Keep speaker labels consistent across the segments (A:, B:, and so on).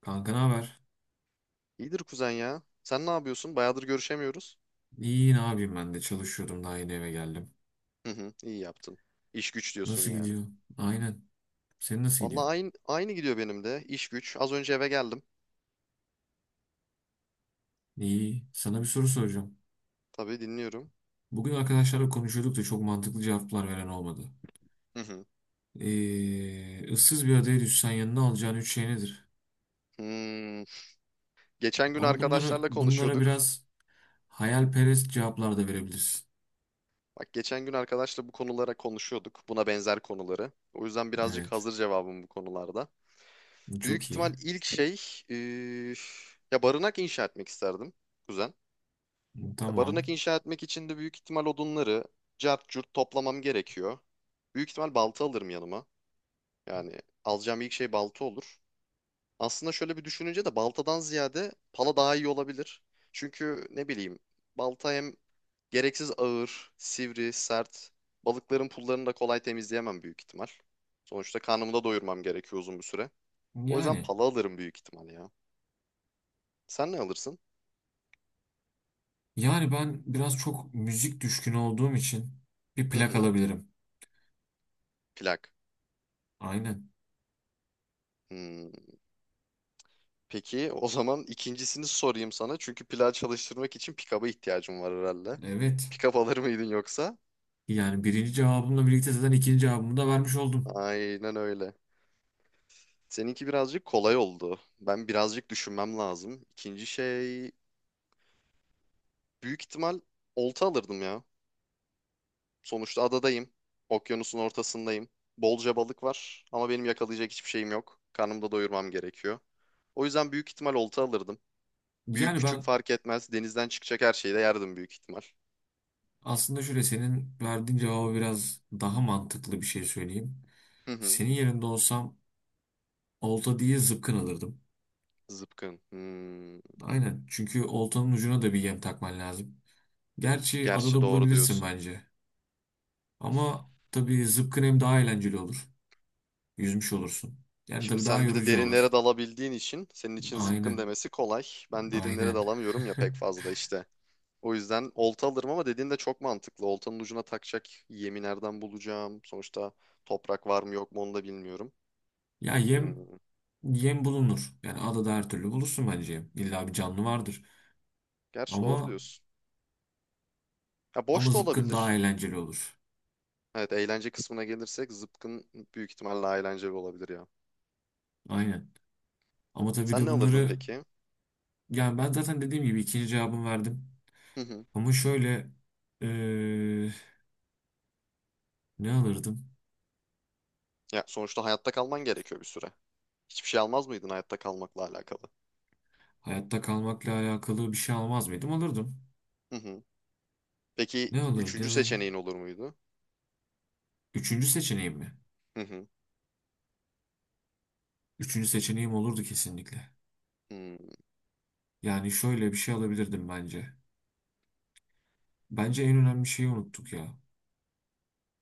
A: Kanka ne haber?
B: İyidir kuzen ya. Sen ne yapıyorsun? Bayağıdır görüşemiyoruz.
A: İyi, ne yapayım, ben de çalışıyordum, daha yeni eve geldim.
B: Hı hı, iyi yaptın. İş güç diyorsun
A: Nasıl
B: yani.
A: gidiyor? Aynen. Senin nasıl gidiyor?
B: Vallahi aynı gidiyor benim de. İş güç. Az önce eve geldim.
A: İyi. Sana bir soru soracağım.
B: Tabii dinliyorum.
A: Bugün arkadaşlarla konuşuyorduk da çok mantıklı cevaplar veren olmadı.
B: Hı hı.
A: Issız bir adaya düşsen yanına alacağın üç şey nedir?
B: Hmm, geçen gün
A: Ama bunlara,
B: arkadaşlarla
A: bunlara
B: konuşuyorduk.
A: biraz hayalperest cevaplar da verebilirsin.
B: Bak geçen gün arkadaşla bu konulara konuşuyorduk. Buna benzer konuları. O yüzden birazcık
A: Evet.
B: hazır cevabım bu konularda. Büyük
A: Çok iyi.
B: ihtimal ilk şey... eee, ya barınak inşa etmek isterdim kuzen. Ya
A: Tamam.
B: barınak inşa etmek için de büyük ihtimal odunları cart curt toplamam gerekiyor. Büyük ihtimal balta alırım yanıma. Yani alacağım ilk şey balta olur. Aslında şöyle bir düşününce de baltadan ziyade pala daha iyi olabilir. Çünkü ne bileyim balta hem gereksiz ağır, sivri, sert. Balıkların pullarını da kolay temizleyemem büyük ihtimal. Sonuçta karnımı da doyurmam gerekiyor uzun bir süre. O yüzden
A: Yani.
B: pala alırım büyük ihtimal ya. Sen ne alırsın?
A: Yani ben biraz çok müzik düşkünü olduğum için bir
B: Hı
A: plak
B: hı,
A: alabilirim.
B: plak.
A: Aynen.
B: Hmm. Peki o zaman ikincisini sorayım sana. Çünkü plan çalıştırmak için pick-up'a ihtiyacım var herhalde.
A: Evet.
B: Pick-up alır mıydın yoksa?
A: Yani birinci cevabımla birlikte zaten ikinci cevabımı da vermiş oldum.
B: Aynen öyle. Seninki birazcık kolay oldu. Ben birazcık düşünmem lazım. İkinci şey büyük ihtimal olta alırdım ya. Sonuçta adadayım. Okyanusun ortasındayım. Bolca balık var ama benim yakalayacak hiçbir şeyim yok. Karnımı da doyurmam gerekiyor. O yüzden büyük ihtimal olta alırdım. Büyük
A: Yani
B: küçük
A: ben
B: fark etmez. Denizden çıkacak her şeyi de yerdim büyük ihtimal.
A: aslında şöyle, senin verdiğin cevabı biraz daha mantıklı bir şey söyleyeyim.
B: Hı hı.
A: Senin yerinde olsam olta diye zıpkın alırdım.
B: Zıpkın. Hmm.
A: Aynen, çünkü oltanın ucuna da bir yem takman lazım. Gerçi adada
B: Gerçi doğru
A: bulabilirsin
B: diyorsun.
A: bence. Ama tabii zıpkın hem daha eğlenceli olur. Yüzmüş olursun. Yani
B: Şimdi
A: tabii daha
B: sen bir de
A: yorucu olur.
B: derinlere dalabildiğin için senin için zıpkın
A: Aynen.
B: demesi kolay. Ben derinlere
A: Aynen.
B: dalamıyorum ya pek fazla işte. O yüzden olta alırım ama dediğin de çok mantıklı. Oltanın ucuna takacak yemi nereden bulacağım? Sonuçta toprak var mı yok mu onu da bilmiyorum.
A: Ya yem,
B: Hmm.
A: yem bulunur. Yani adada her türlü bulursun bence yem. İlla bir canlı vardır.
B: Gerçi doğru
A: Ama
B: diyorsun. Ya
A: ama
B: boş da
A: zıpkın daha
B: olabilir.
A: eğlenceli olur.
B: Evet, eğlence kısmına gelirsek zıpkın büyük ihtimalle daha eğlenceli olabilir ya.
A: Aynen. Ama tabii
B: Sen
A: de
B: ne alırdın
A: bunları,
B: peki?
A: yani ben zaten dediğim gibi ikinci cevabımı verdim.
B: Hı hı.
A: Ama şöyle eee, ne alırdım?
B: Ya sonuçta hayatta kalman gerekiyor bir süre. Hiçbir şey almaz mıydın hayatta kalmakla alakalı?
A: Hayatta kalmakla alakalı bir şey almaz mıydım? Alırdım.
B: Hı hı. Peki
A: Ne
B: üçüncü
A: alırdım?
B: seçeneğin olur muydu?
A: Üçüncü seçeneğim mi?
B: Hı hı.
A: Üçüncü seçeneğim olurdu kesinlikle.
B: Hmm.
A: Yani şöyle bir şey alabilirdim bence. Bence en önemli şeyi unuttuk ya.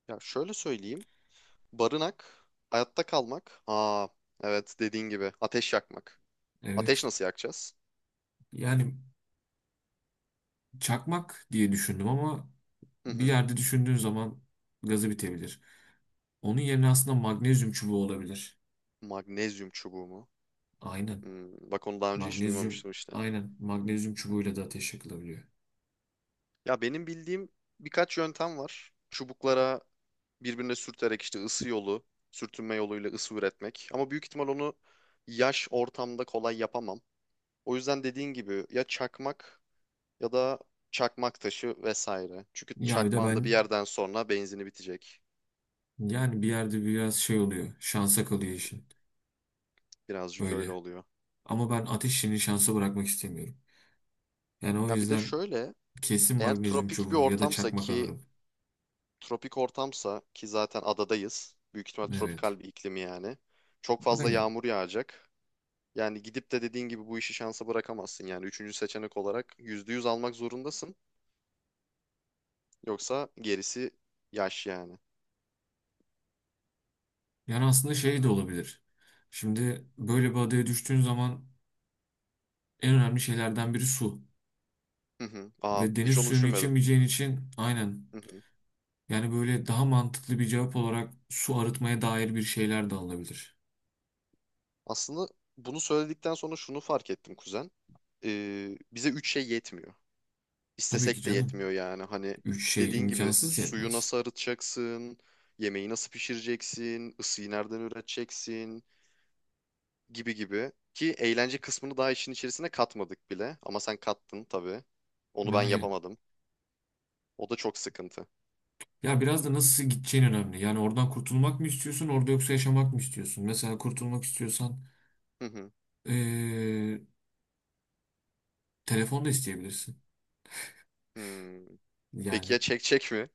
B: Ya şöyle söyleyeyim. Barınak, hayatta kalmak. Aa, evet, dediğin gibi ateş yakmak. Ateş
A: Evet.
B: nasıl yakacağız?
A: Yani çakmak diye düşündüm ama
B: Hı
A: bir
B: hı.
A: yerde düşündüğün zaman gazı bitebilir. Onun yerine aslında magnezyum çubuğu olabilir.
B: Magnezyum çubuğu mu?
A: Aynen.
B: Hmm, bak onu daha önce hiç
A: Magnezyum,
B: duymamıştım işte.
A: aynen. Magnezyum çubuğuyla da ateş yakılabiliyor.
B: Ya benim bildiğim birkaç yöntem var. Çubuklara birbirine sürterek işte ısı yolu, sürtünme yoluyla ısı üretmek. Ama büyük ihtimal onu yaş ortamda kolay yapamam. O yüzden dediğin gibi ya çakmak ya da çakmak taşı vesaire. Çünkü
A: Ya bir de
B: çakmağın da bir
A: ben,
B: yerden sonra benzini bitecek.
A: yani bir yerde biraz şey oluyor. Şansa kalıyor
B: Hmm,
A: işin.
B: birazcık öyle
A: Öyle.
B: oluyor.
A: Ama ben ateş işini şansa bırakmak istemiyorum. Yani o
B: Ya bir de
A: yüzden
B: şöyle,
A: kesin
B: eğer
A: magnezyum
B: tropik bir
A: çubuğu ya da
B: ortamsa
A: çakmak
B: ki
A: alırım.
B: tropik ortamsa ki zaten adadayız. Büyük ihtimal
A: Evet.
B: tropikal bir iklimi yani. Çok fazla
A: Aynen.
B: yağmur yağacak. Yani gidip de dediğin gibi bu işi şansa bırakamazsın. Yani üçüncü seçenek olarak yüzde yüz almak zorundasın. Yoksa gerisi yaş yani.
A: Yani aslında şey de olabilir. Şimdi böyle bir adaya düştüğün zaman en önemli şeylerden biri su.
B: Hı hı. Aa,
A: Ve deniz
B: hiç onu
A: suyunu
B: düşünmedim.
A: içemeyeceğin için, aynen.
B: Hı hı.
A: Yani böyle daha mantıklı bir cevap olarak su arıtmaya dair bir şeyler de alınabilir.
B: Aslında bunu söyledikten sonra şunu fark ettim kuzen. Bize üç şey yetmiyor.
A: Tabii ki
B: İstesek de
A: canım.
B: yetmiyor yani. Hani
A: Üç şey
B: dediğin gibi
A: imkansız
B: suyu
A: yetmez.
B: nasıl arıtacaksın, yemeği nasıl pişireceksin, ısıyı nereden üreteceksin gibi gibi. Ki eğlence kısmını daha işin içerisine katmadık bile. Ama sen kattın tabii. Onu ben
A: Aynen.
B: yapamadım. O da çok sıkıntı.
A: Ya biraz da nasıl gideceğin önemli. Yani oradan kurtulmak mı istiyorsun, orada yoksa yaşamak mı istiyorsun? Mesela kurtulmak istiyorsan
B: Hı hı.
A: eee, telefon da isteyebilirsin.
B: Hmm. Peki
A: Yani
B: ya çek çek mi?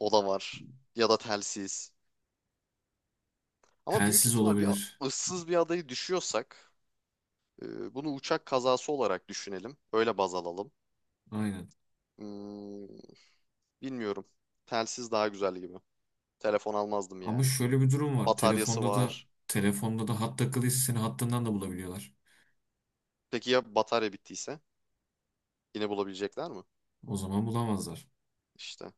B: O da var. Ya da telsiz. Ama büyük
A: telsiz
B: ihtimal bir
A: olabilir.
B: ıssız bir adayı düşüyorsak bunu uçak kazası olarak düşünelim. Öyle baz alalım.
A: Aynen.
B: Hmm, bilmiyorum. Telsiz daha güzel gibi. Telefon almazdım
A: Ama
B: yani.
A: şöyle bir durum var.
B: Bataryası
A: Telefonda da
B: var.
A: telefonda da hat takılıysa seni hattından da bulabiliyorlar.
B: Peki ya batarya bittiyse? Yine bulabilecekler mi?
A: O zaman bulamazlar.
B: İşte.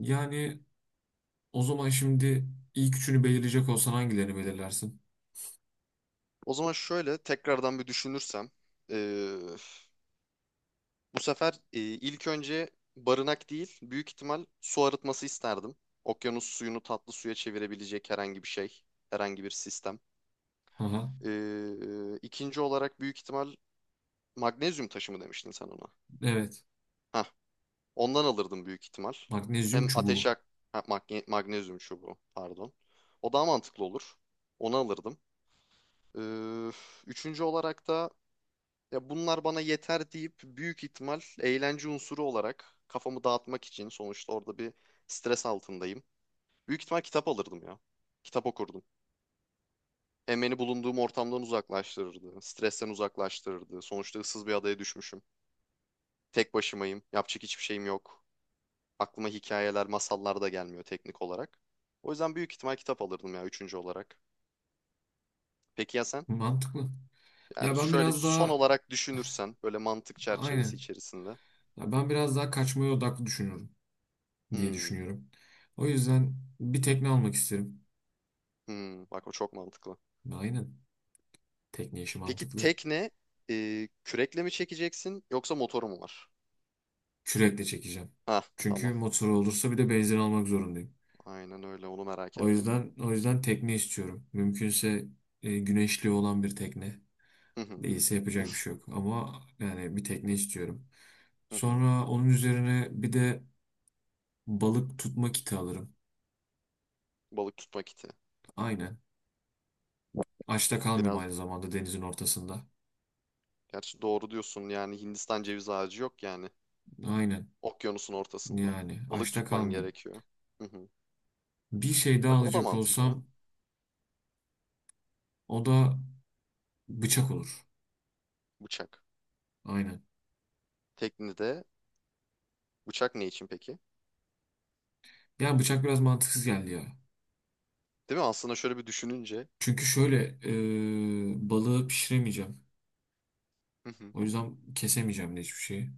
A: Yani o zaman şimdi ilk üçünü belirleyecek olsan hangilerini belirlersin?
B: O zaman şöyle tekrardan bir düşünürsem. ee, Bu sefer ilk önce barınak değil, büyük ihtimal su arıtması isterdim. Okyanus suyunu tatlı suya çevirebilecek herhangi bir şey, herhangi bir sistem.
A: Haha.
B: İkinci olarak büyük ihtimal magnezyum taşı mı demiştin sen ona?
A: Evet.
B: Hah, ondan alırdım büyük ihtimal.
A: Magnezyum
B: Hem ateş
A: çubuğu.
B: yak ha, magnezyum çubuğu pardon. O daha mantıklı olur. Onu alırdım. Ee, Üçüncü olarak da ya bunlar bana yeter deyip büyük ihtimal eğlence unsuru olarak kafamı dağıtmak için sonuçta orada bir stres altındayım. Büyük ihtimal kitap alırdım ya. Kitap okurdum. Hem beni bulunduğum ortamdan uzaklaştırırdı. Stresten uzaklaştırırdı. Sonuçta ıssız bir adaya düşmüşüm. Tek başımayım. Yapacak hiçbir şeyim yok. Aklıma hikayeler, masallar da gelmiyor teknik olarak. O yüzden büyük ihtimal kitap alırdım ya üçüncü olarak. Peki ya sen?
A: Mantıklı. Ya
B: Yani
A: ben
B: şöyle bir
A: biraz
B: son
A: daha,
B: olarak düşünürsen böyle mantık çerçevesi
A: aynen.
B: içerisinde.
A: Ya ben biraz daha kaçmaya odaklı düşünüyorum diye
B: Hmm,
A: düşünüyorum. O yüzden bir tekne almak isterim.
B: bak o çok mantıklı.
A: Aynen. Tekne işi
B: Peki
A: mantıklı.
B: tekne kürekle mi çekeceksin yoksa motoru mu var?
A: Kürekle çekeceğim.
B: Ha
A: Çünkü
B: tamam.
A: motoru olursa bir de benzin almak zorundayım.
B: Aynen öyle, onu merak
A: O
B: ettim.
A: yüzden o yüzden tekne istiyorum. Mümkünse e, güneşli olan bir tekne.
B: Hı hı,
A: Değilse yapacak bir şey yok. Ama yani bir tekne istiyorum.
B: hı hı.
A: Sonra onun üzerine bir de balık tutma kiti alırım.
B: Balık tutma kiti.
A: Aynen. Açta kalmayayım
B: Biraz,
A: aynı zamanda denizin ortasında.
B: gerçi doğru diyorsun yani Hindistan ceviz ağacı yok yani.
A: Aynen.
B: Okyanusun ortasında.
A: Yani
B: Balık
A: açta
B: tutman
A: kalmayayım.
B: gerekiyor. Hı hı.
A: Bir şey daha
B: Bak o da
A: alacak
B: mantıklı.
A: olsam o da bıçak olur.
B: Bıçak.
A: Aynen.
B: Teknede bıçak ne için peki?
A: Yani bıçak biraz mantıksız geldi ya.
B: Değil mi? Aslında şöyle bir düşününce
A: Çünkü şöyle e, balığı pişiremeyeceğim.
B: hı hı,
A: O yüzden kesemeyeceğim de hiçbir şeyi.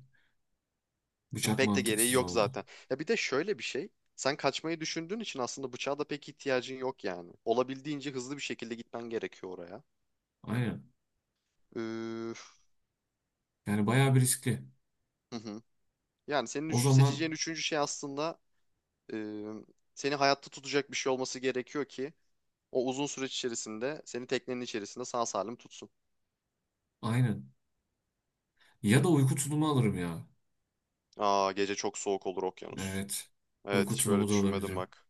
A: Bıçak
B: pek de gereği
A: mantıksız
B: yok
A: oldu.
B: zaten. Ya bir de şöyle bir şey. Sen kaçmayı düşündüğün için aslında bıçağa da pek ihtiyacın yok yani. Olabildiğince hızlı bir şekilde gitmen gerekiyor oraya.
A: Aynen.
B: Üf,
A: Yani bayağı bir riskli.
B: hı hı. Yani senin
A: O zaman
B: seçeceğin üçüncü şey aslında e, seni hayatta tutacak bir şey olması gerekiyor ki o uzun süreç içerisinde seni teknenin içerisinde sağ salim tutsun.
A: aynen. Ya da uyku tulumu alırım ya.
B: Aa, gece çok soğuk olur okyanus.
A: Evet.
B: Evet,
A: Uyku
B: hiç böyle
A: tulumu da
B: düşünmedim
A: alabilirim.
B: bak.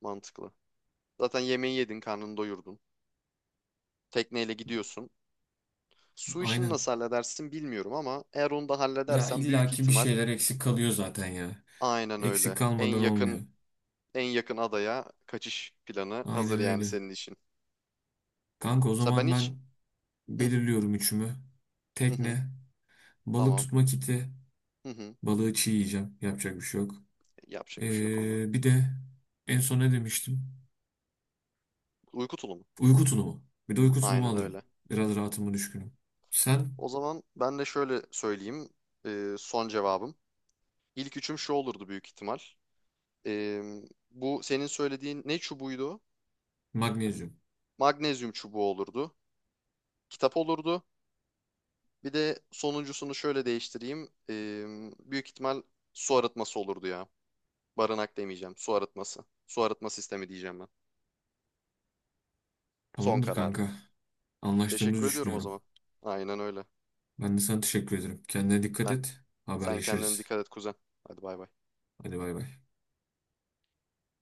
B: Mantıklı. Zaten yemeği yedin, karnını doyurdun. Tekneyle gidiyorsun. Su işini
A: Aynen.
B: nasıl halledersin bilmiyorum ama eğer onu da
A: Ya
B: halledersen büyük
A: illaki bir
B: ihtimal
A: şeyler eksik kalıyor zaten ya.
B: aynen
A: Eksik
B: öyle. En
A: kalmadan olmuyor.
B: yakın en yakın adaya kaçış planı
A: Aynen
B: hazır yani
A: öyle.
B: senin için.
A: Kanka, o
B: Mesela ben
A: zaman
B: hiç
A: ben
B: hı
A: belirliyorum üçümü.
B: hı, hı
A: Tekne, balık
B: tamam,
A: tutma kiti,
B: hı hı,
A: balığı çiğ yiyeceğim. Yapacak bir şey yok.
B: yapacak bir şey yok ona.
A: Bir de en son ne demiştim?
B: Uyku tulumu.
A: Uyku tulumu. Bir de uyku tulumu
B: Aynen
A: alırım.
B: öyle.
A: Biraz rahatıma düşkünüm. Sen
B: O zaman ben de şöyle söyleyeyim son cevabım. İlk üçüm şu olurdu büyük ihtimal. E, Bu senin söylediğin ne çubuğuydu?
A: magnezyum.
B: Magnezyum çubuğu olurdu. Kitap olurdu. Bir de sonuncusunu şöyle değiştireyim. Büyük ihtimal su arıtması olurdu ya. Barınak demeyeceğim. Su arıtması. Su arıtma sistemi diyeceğim ben. Son
A: Tamamdır
B: kararım.
A: kanka. Anlaştığımızı
B: Teşekkür ediyorum o
A: düşünüyorum.
B: zaman. Aynen öyle.
A: Ben de sana teşekkür ederim. Kendine dikkat
B: Ben,
A: et.
B: sen kendine
A: Haberleşiriz.
B: dikkat et kuzen. Hadi bay bay.
A: Hadi bay bay.